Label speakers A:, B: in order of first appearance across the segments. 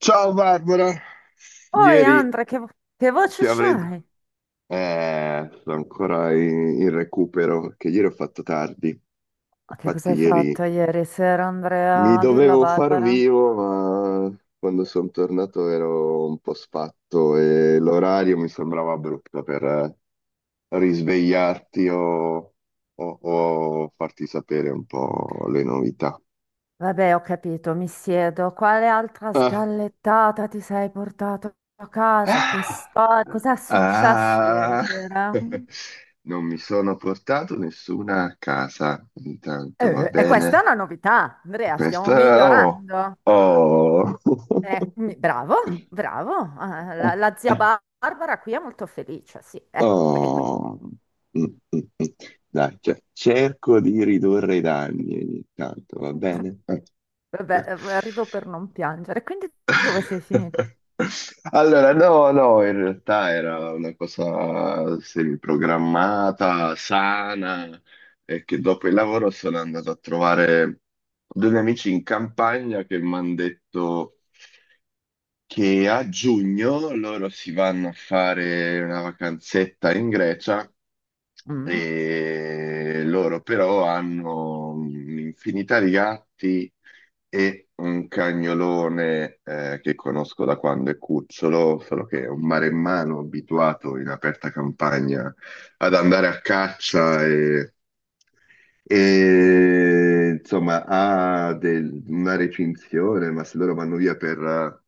A: Ciao Barbara,
B: Oi
A: ieri
B: Andrea, che voce
A: ti avrei...
B: c'hai?
A: Sono ancora in recupero perché ieri ho fatto tardi.
B: Ma che cosa
A: Infatti
B: hai
A: ieri
B: fatto ieri sera,
A: mi
B: Andrea? Dillo a
A: dovevo far
B: Barbara.
A: vivo, ma quando sono tornato ero un po' sfatto e l'orario mi sembrava brutto per risvegliarti o farti sapere un po' le novità.
B: Vabbè, ho capito, mi siedo. Quale altra sgallettata ti sei portato a casa? Che
A: Ah,
B: storia? Cos'è successo ieri
A: ah.
B: sera?
A: Non mi sono portato nessuna a casa, intanto va
B: E questa è
A: bene.
B: una novità, Andrea, stiamo
A: Questa, oh,
B: migliorando.
A: oh,
B: Bravo, bravo. Ah, la zia Barbara qui è molto felice, sì. Ecco, e qui?
A: oh. Mm, mm, mm. Dai, cioè, cerco di ridurre i danni ogni tanto, va bene?
B: Vabbè, rido per non piangere. Quindi dove sei finito?
A: Allora, no, no, in realtà era una cosa semiprogrammata, sana, e che dopo il lavoro sono andato a trovare 2 amici in campagna che mi hanno detto che a giugno loro si vanno a fare una vacanzetta in Grecia
B: Mm.
A: e loro però hanno un'infinità di gatti e un cagnolone che conosco da quando è cucciolo, solo che è un maremmano abituato in aperta campagna ad andare a caccia e insomma, una recinzione, ma se loro vanno via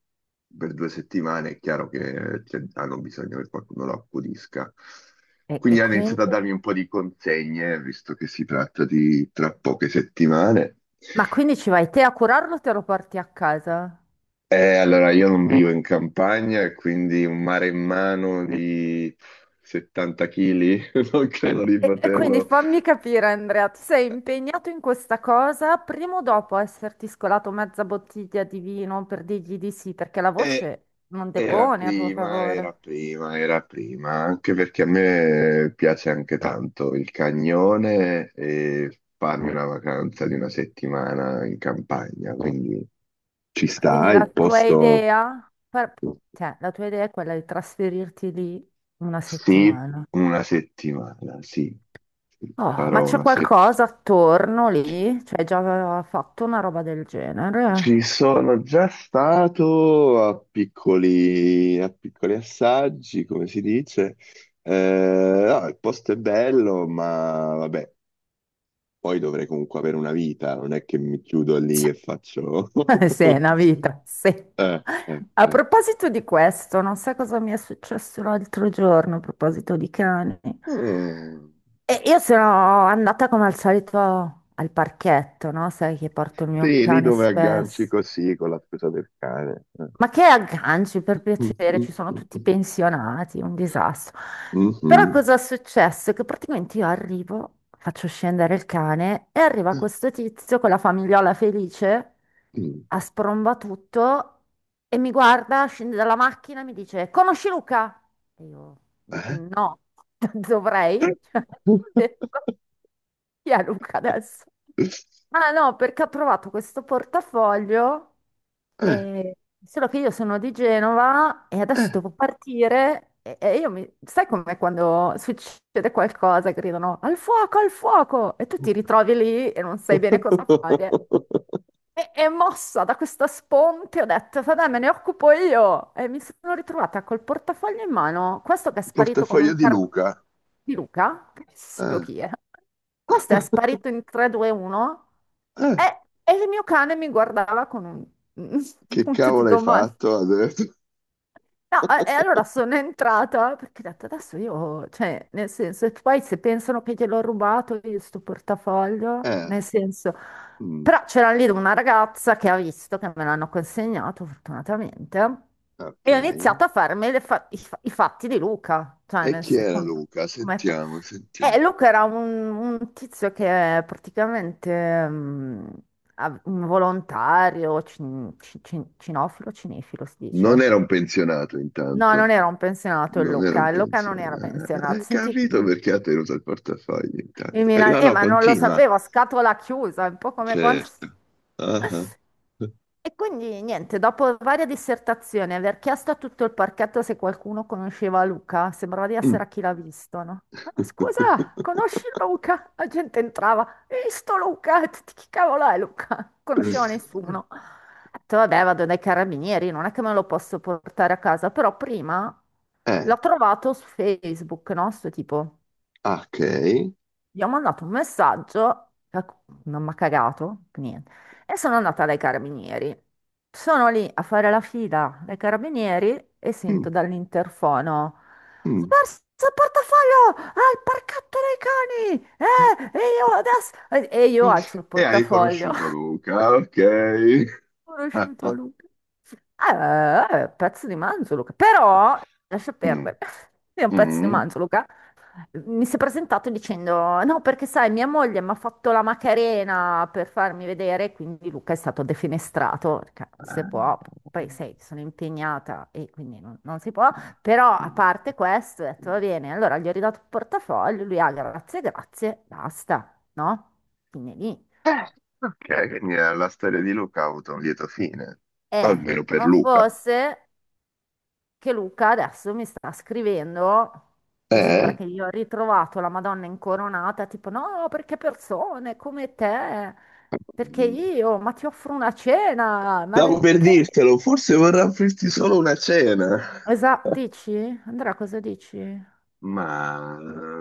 A: per 2 settimane è chiaro che, cioè, hanno bisogno che qualcuno lo accudisca.
B: E
A: Quindi hanno iniziato a
B: quindi?
A: darmi un po' di consegne, visto che si tratta di tra poche settimane.
B: Ma quindi ci vai te a curarlo o te lo porti a casa?
A: Allora, io non vivo in campagna e quindi un mare in mano di 70 kg non credo di
B: E quindi
A: poterlo.
B: fammi capire, Andrea, tu sei impegnato in questa cosa, prima o dopo esserti scolato mezza bottiglia di vino per dirgli di sì, perché la
A: E,
B: voce non
A: Era
B: depone a tuo
A: prima, era
B: favore.
A: prima, era prima, anche perché a me piace anche tanto il cagnone e farmi una vacanza di 1 settimana in campagna, quindi ci
B: Quindi
A: sta
B: la
A: il
B: tua
A: posto,
B: idea, cioè, la tua idea è quella di trasferirti lì una
A: sì,
B: settimana.
A: 1 settimana, sì,
B: Oh, ma
A: farò
B: c'è
A: 1 settimana.
B: qualcosa attorno lì? Cioè, già aveva fatto una roba del
A: Ci
B: genere?
A: sono già stato a piccoli assaggi, come si dice. No, il posto è bello, ma vabbè, poi dovrei comunque avere una vita, non è che mi chiudo lì e faccio...
B: Cioè, sì, è una vita, sì. A
A: Eh.
B: proposito di questo, non sai cosa mi è successo l'altro giorno a proposito di cani.
A: Mm.
B: E io sono andata come al solito al parchetto, no? Sai che porto il mio
A: Sì, lì
B: cane
A: dove agganci
B: spesso.
A: così con la scusa del cane.
B: Ma che agganci, per
A: Mm,
B: piacere, ci sono tutti
A: mm,
B: pensionati, un disastro.
A: mm,
B: Però
A: mm,
B: cosa è successo? Che praticamente io arrivo, faccio scendere il cane e arriva questo tizio con la famigliola felice,
A: mhm. Mm.
B: a spromba tutto e mi guarda, scende dalla macchina e mi dice: Conosci Luca? E io:
A: Eh?
B: No, dovrei.
A: Eh.
B: Chi è Luca adesso? Ah no, perché ho provato questo portafoglio,
A: Eh.
B: e- solo che io sono di Genova e adesso devo partire e io mi... Sai com'è quando succede qualcosa, gridano al fuoco e tu ti ritrovi lì e non sai bene cosa fare. E mossa da questa sponte, ho detto, vabbè, me ne occupo io. E mi sono ritrovata col portafoglio in mano, questo che è sparito come
A: Portafoglio
B: un
A: di
B: cartone
A: Luca.
B: di Luca, che so
A: Eh.
B: chi è. Questo è sparito in 3, 2, 1
A: Eh,
B: e il mio cane mi guardava con un, un
A: Che
B: punto di
A: cavolo hai
B: domanda.
A: fatto adesso?
B: No, e allora sono entrata perché ho detto adesso io, cioè, nel senso, e poi se pensano che gliel'ho rubato io sto portafoglio,
A: Eh,
B: nel senso,
A: mm,
B: però c'era lì una ragazza che ha visto che me l'hanno consegnato fortunatamente
A: ok.
B: e ho iniziato a farmi le fa- i fatti di Luca, cioè,
A: E
B: nel
A: chi era
B: senso,
A: Luca?
B: come
A: Sentiamo, sentiamo.
B: Luca era un tizio che praticamente un volontario, cinofilo, cinefilo si
A: Non
B: dice.
A: era un pensionato
B: No, non
A: intanto,
B: era un pensionato
A: non era un
B: Il Luca non era
A: pensionato.
B: pensionato.
A: Hai
B: Senti,
A: capito perché ha tenuto il portafoglio
B: il
A: intanto?
B: Milan,
A: No, no,
B: ma non lo
A: continua.
B: sapevo, a scatola chiusa, è un po' come quando
A: Certo. Ah, ah.
B: E quindi niente, dopo varie dissertazioni, aver chiesto a tutto il parchetto se qualcuno conosceva Luca, sembrava di
A: Mm.
B: essere a chi l'ha visto, no? Ah, scusa, conosci Luca? La gente entrava, "Hai visto Luca? E tutti, Chi cavolo è Luca? Non conosceva nessuno. Ho detto, vabbè, vado dai carabinieri, non è che me lo posso portare a casa, però prima
A: Eh,
B: l'ho trovato su Facebook, no? Sto tipo
A: ok.
B: gli ho mandato un messaggio, per cui non mi ha cagato, niente, e sono andata dai carabinieri. Sono lì a fare la fila dai carabinieri e sento
A: Mm,
B: dall'interfono, ho
A: mm.
B: perso il portafoglio al parchetto dei cani, e io adesso... E io alzo il
A: E hai
B: portafoglio, ho
A: conosciuto Luca, ok. Ah,
B: conosciuto
A: ah.
B: Luca. Pezzo di manzo, Luca, però, lascia
A: Mm,
B: perdere, è un pezzo di
A: mm.
B: manzo, Luca. Mi si è presentato dicendo: No, perché sai, mia moglie mi ha fatto la Macarena per farmi vedere, quindi Luca è stato defenestrato, perché non si può. Poi sai, sono impegnata e quindi non, non si può. Però a parte questo, ho detto va bene. Allora gli ho ridato il portafoglio, lui ha grazie, grazie, basta, no? Fine lì.
A: Eh, ok, quindi la storia di Luca ha avuto un lieto fine,
B: E
A: almeno per
B: non
A: Luca.
B: fosse. Che Luca adesso mi sta scrivendo che sembra
A: Eh?
B: che io ho ritrovato la Madonna incoronata, tipo no, perché persone come te, perché io, ma ti offro una cena, ma
A: Stavo per
B: perché?
A: dirtelo, forse vorrà offrirti solo una cena.
B: Esatto, dici? Andrea, cosa dici?
A: Ma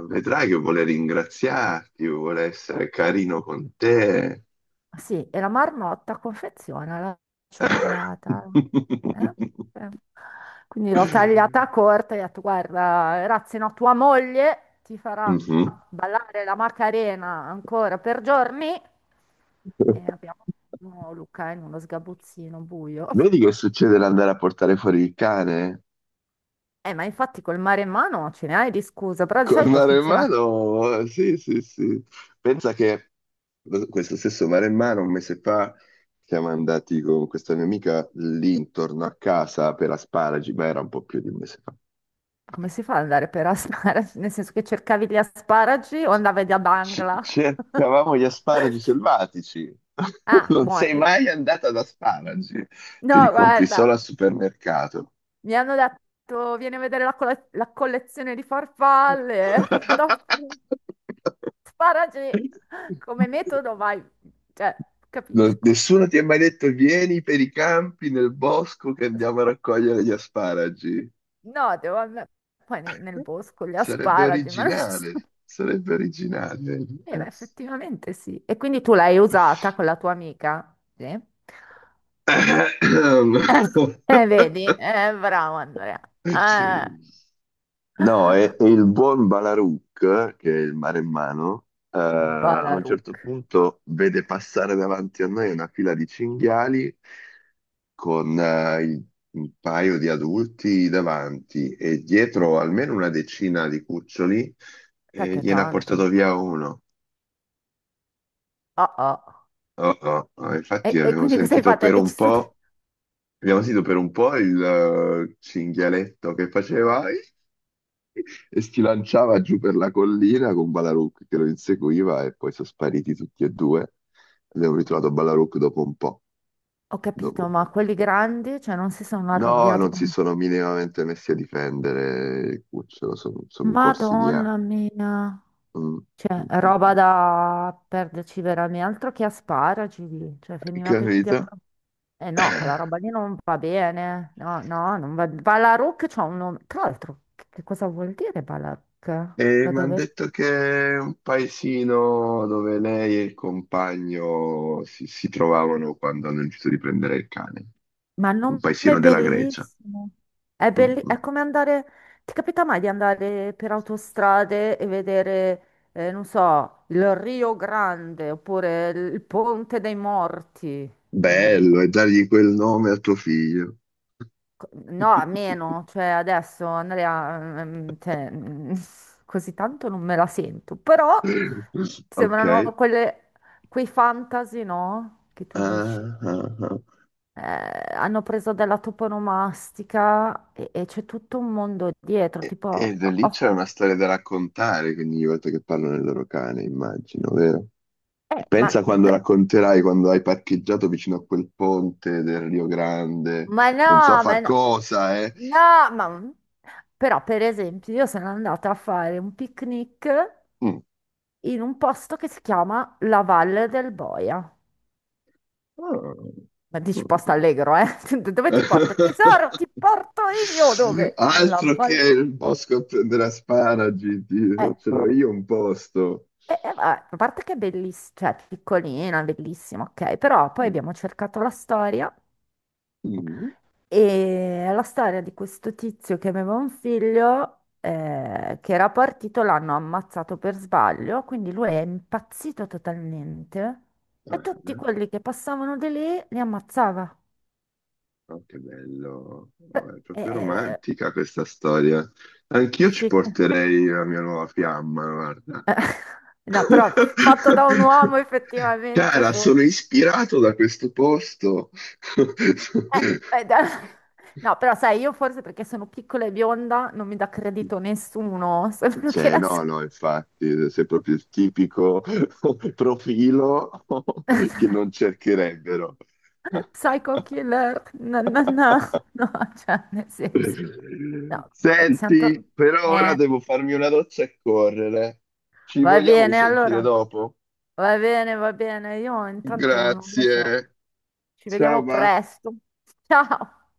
A: vedrai che vuole ringraziarti, vuole essere carino con te.
B: Ah, sì, e la marmotta confeziona la cioccolata. Eh? Eh. Quindi l'ho tagliata corta e ho detto, guarda, ragazzi, no, tua moglie ti farà
A: Mhm.
B: ballare la Macarena ancora per giorni. E abbiamo oh, Luca in uno sgabuzzino buio.
A: Vedi che succede l'andare a portare fuori il cane?
B: Ma infatti col mare in mano ce ne hai di scusa, però di
A: Col
B: solito funziona
A: maremmano? Sì, sì, sì. Pensa che questo stesso maremmano un mese fa siamo andati con questa mia amica lì intorno a casa per asparagi, ma era un po' più di un mese fa.
B: come si fa ad andare per asparagi? Nel senso che cercavi gli asparagi o andavi da Bangla?
A: Cercavamo gli asparagi selvatici.
B: Ah,
A: Non
B: buono.
A: sei
B: Sì.
A: mai andata ad asparagi, te li
B: No,
A: compri
B: guarda,
A: solo al supermercato.
B: mi hanno detto vieni a vedere la collezione di farfalle. Madonna, sparagi come metodo, vai, cioè, capisco.
A: Nessuno ti ha mai detto vieni per i campi nel bosco che andiamo a raccogliere gli asparagi.
B: No, devo andare poi nel bosco, gli
A: Sarebbe
B: asparagi, ma non ci sta.
A: originale, sarebbe originale.
B: Beh,
A: Mhm.
B: effettivamente sì. E quindi tu l'hai usata con la tua amica? Sì. Vedi? Bravo Andrea.
A: Eh.
B: Eh.
A: No, e il buon Balaruc, che è il maremmano, a un
B: Balaruk,
A: certo punto vede passare davanti a noi una fila di cinghiali con un paio di adulti davanti e dietro almeno una decina di cuccioli e
B: tacchia
A: gliene ha portato
B: tanto.
A: via uno.
B: Oh, oh.
A: Oh, oh, oh, infatti
B: E
A: abbiamo
B: quindi cosa hai
A: sentito
B: fatto? Hai
A: per un
B: deciso di
A: po', abbiamo sentito per un po' il cinghialetto che faceva e si lanciava giù per la collina con Ballaruk che lo inseguiva e poi sono spariti tutti e due. Abbiamo ritrovato Ballaruk dopo un po',
B: Ho
A: dopo
B: capito,
A: un
B: ma
A: po'.
B: quelli grandi, cioè, non si sono
A: No,
B: arrabbiati
A: non si
B: come...
A: sono minimamente messi a difendere Cucciolo, sono corsi via.
B: Madonna mia!
A: Mm,
B: Cioè,
A: mm, mm, mm.
B: roba da perderci veramente, altro che asparagi, lì. Cioè, finivate tutti a...
A: Capito?
B: pro- Eh no, quella roba lì non va bene, no, no, non va... Balaruc c'ha un nome... Tra l'altro, che cosa vuol dire Balaruc?
A: E
B: Da
A: mi hanno
B: dove
A: detto che è un paesino dove lei e il compagno si trovavano quando hanno deciso di prendere il cane.
B: Ma il
A: Un
B: nome è
A: paesino della Grecia.
B: bellissimo. È,
A: Mm, mm.
B: è come andare. Ti capita mai di andare per autostrade e vedere, non so, il Rio Grande oppure il Ponte dei Morti? Mm,
A: Bello, e dargli quel nome a tuo figlio.
B: No, meno, cioè adesso Andrea, cioè, così tanto non me la sento, però
A: Ok.
B: sembrano quelle, quei fantasy, no? Che tu dici.
A: Ah, ah, ah.
B: Hanno preso della toponomastica e c'è tutto un mondo dietro,
A: E
B: tipo,
A: da lì
B: oh,
A: c'è una storia da raccontare, quindi ogni volta che parlano del loro cane, immagino, vero?
B: eh, ma,
A: Pensa quando racconterai quando hai parcheggiato vicino a quel ponte del Rio Grande,
B: ma
A: non so
B: no, ma
A: far
B: no,
A: cosa, eh.
B: no, ma... Però, per esempio, io sono andata a fare un picnic
A: Mm.
B: in un posto che si chiama La Valle del Boia.
A: Ah.
B: Ma dici
A: Mm.
B: posto allegro, eh? Dove ti porto? Tesoro, ti porto io! Dove? Alla
A: Altro che
B: Valle...
A: il bosco a prendere asparagi, ti
B: Eh,
A: faccio io un posto.
B: Vabbè, a parte che è bellissima, cioè piccolina, bellissima, ok, però poi
A: Mm.
B: abbiamo cercato la storia
A: Mm.
B: E è la storia di questo tizio che aveva un figlio che era partito, l'hanno ammazzato per sbaglio, quindi lui è impazzito totalmente e tutti
A: Ah,
B: quelli che passavano di lì li ammazzava.
A: oh, che bello,
B: Beh,
A: oh, è proprio
B: eh,
A: romantica questa storia. Anch'io ci
B: dici
A: porterei la mia nuova fiamma, guarda.
B: No, però fatto da un uomo effettivamente
A: Cara, sono
B: forse.
A: ispirato da questo posto.
B: Eh, eh, da- No, però sai, io forse perché sono piccola e bionda non mi dà credito nessuno, solo che
A: Cioè,
B: la so.
A: no, no, infatti, sei proprio il tipico profilo che non cercherebbero.
B: Psycho killer, no, no, no, no, cioè nel senso, no, siamo tornati,
A: Senti, per ora
B: eh,
A: devo farmi una doccia e correre. Ci
B: va
A: vogliamo
B: bene
A: risentire
B: allora,
A: dopo?
B: va bene, io intanto non lo so,
A: Grazie.
B: ci
A: Ciao,
B: vediamo
A: va.
B: presto, ciao!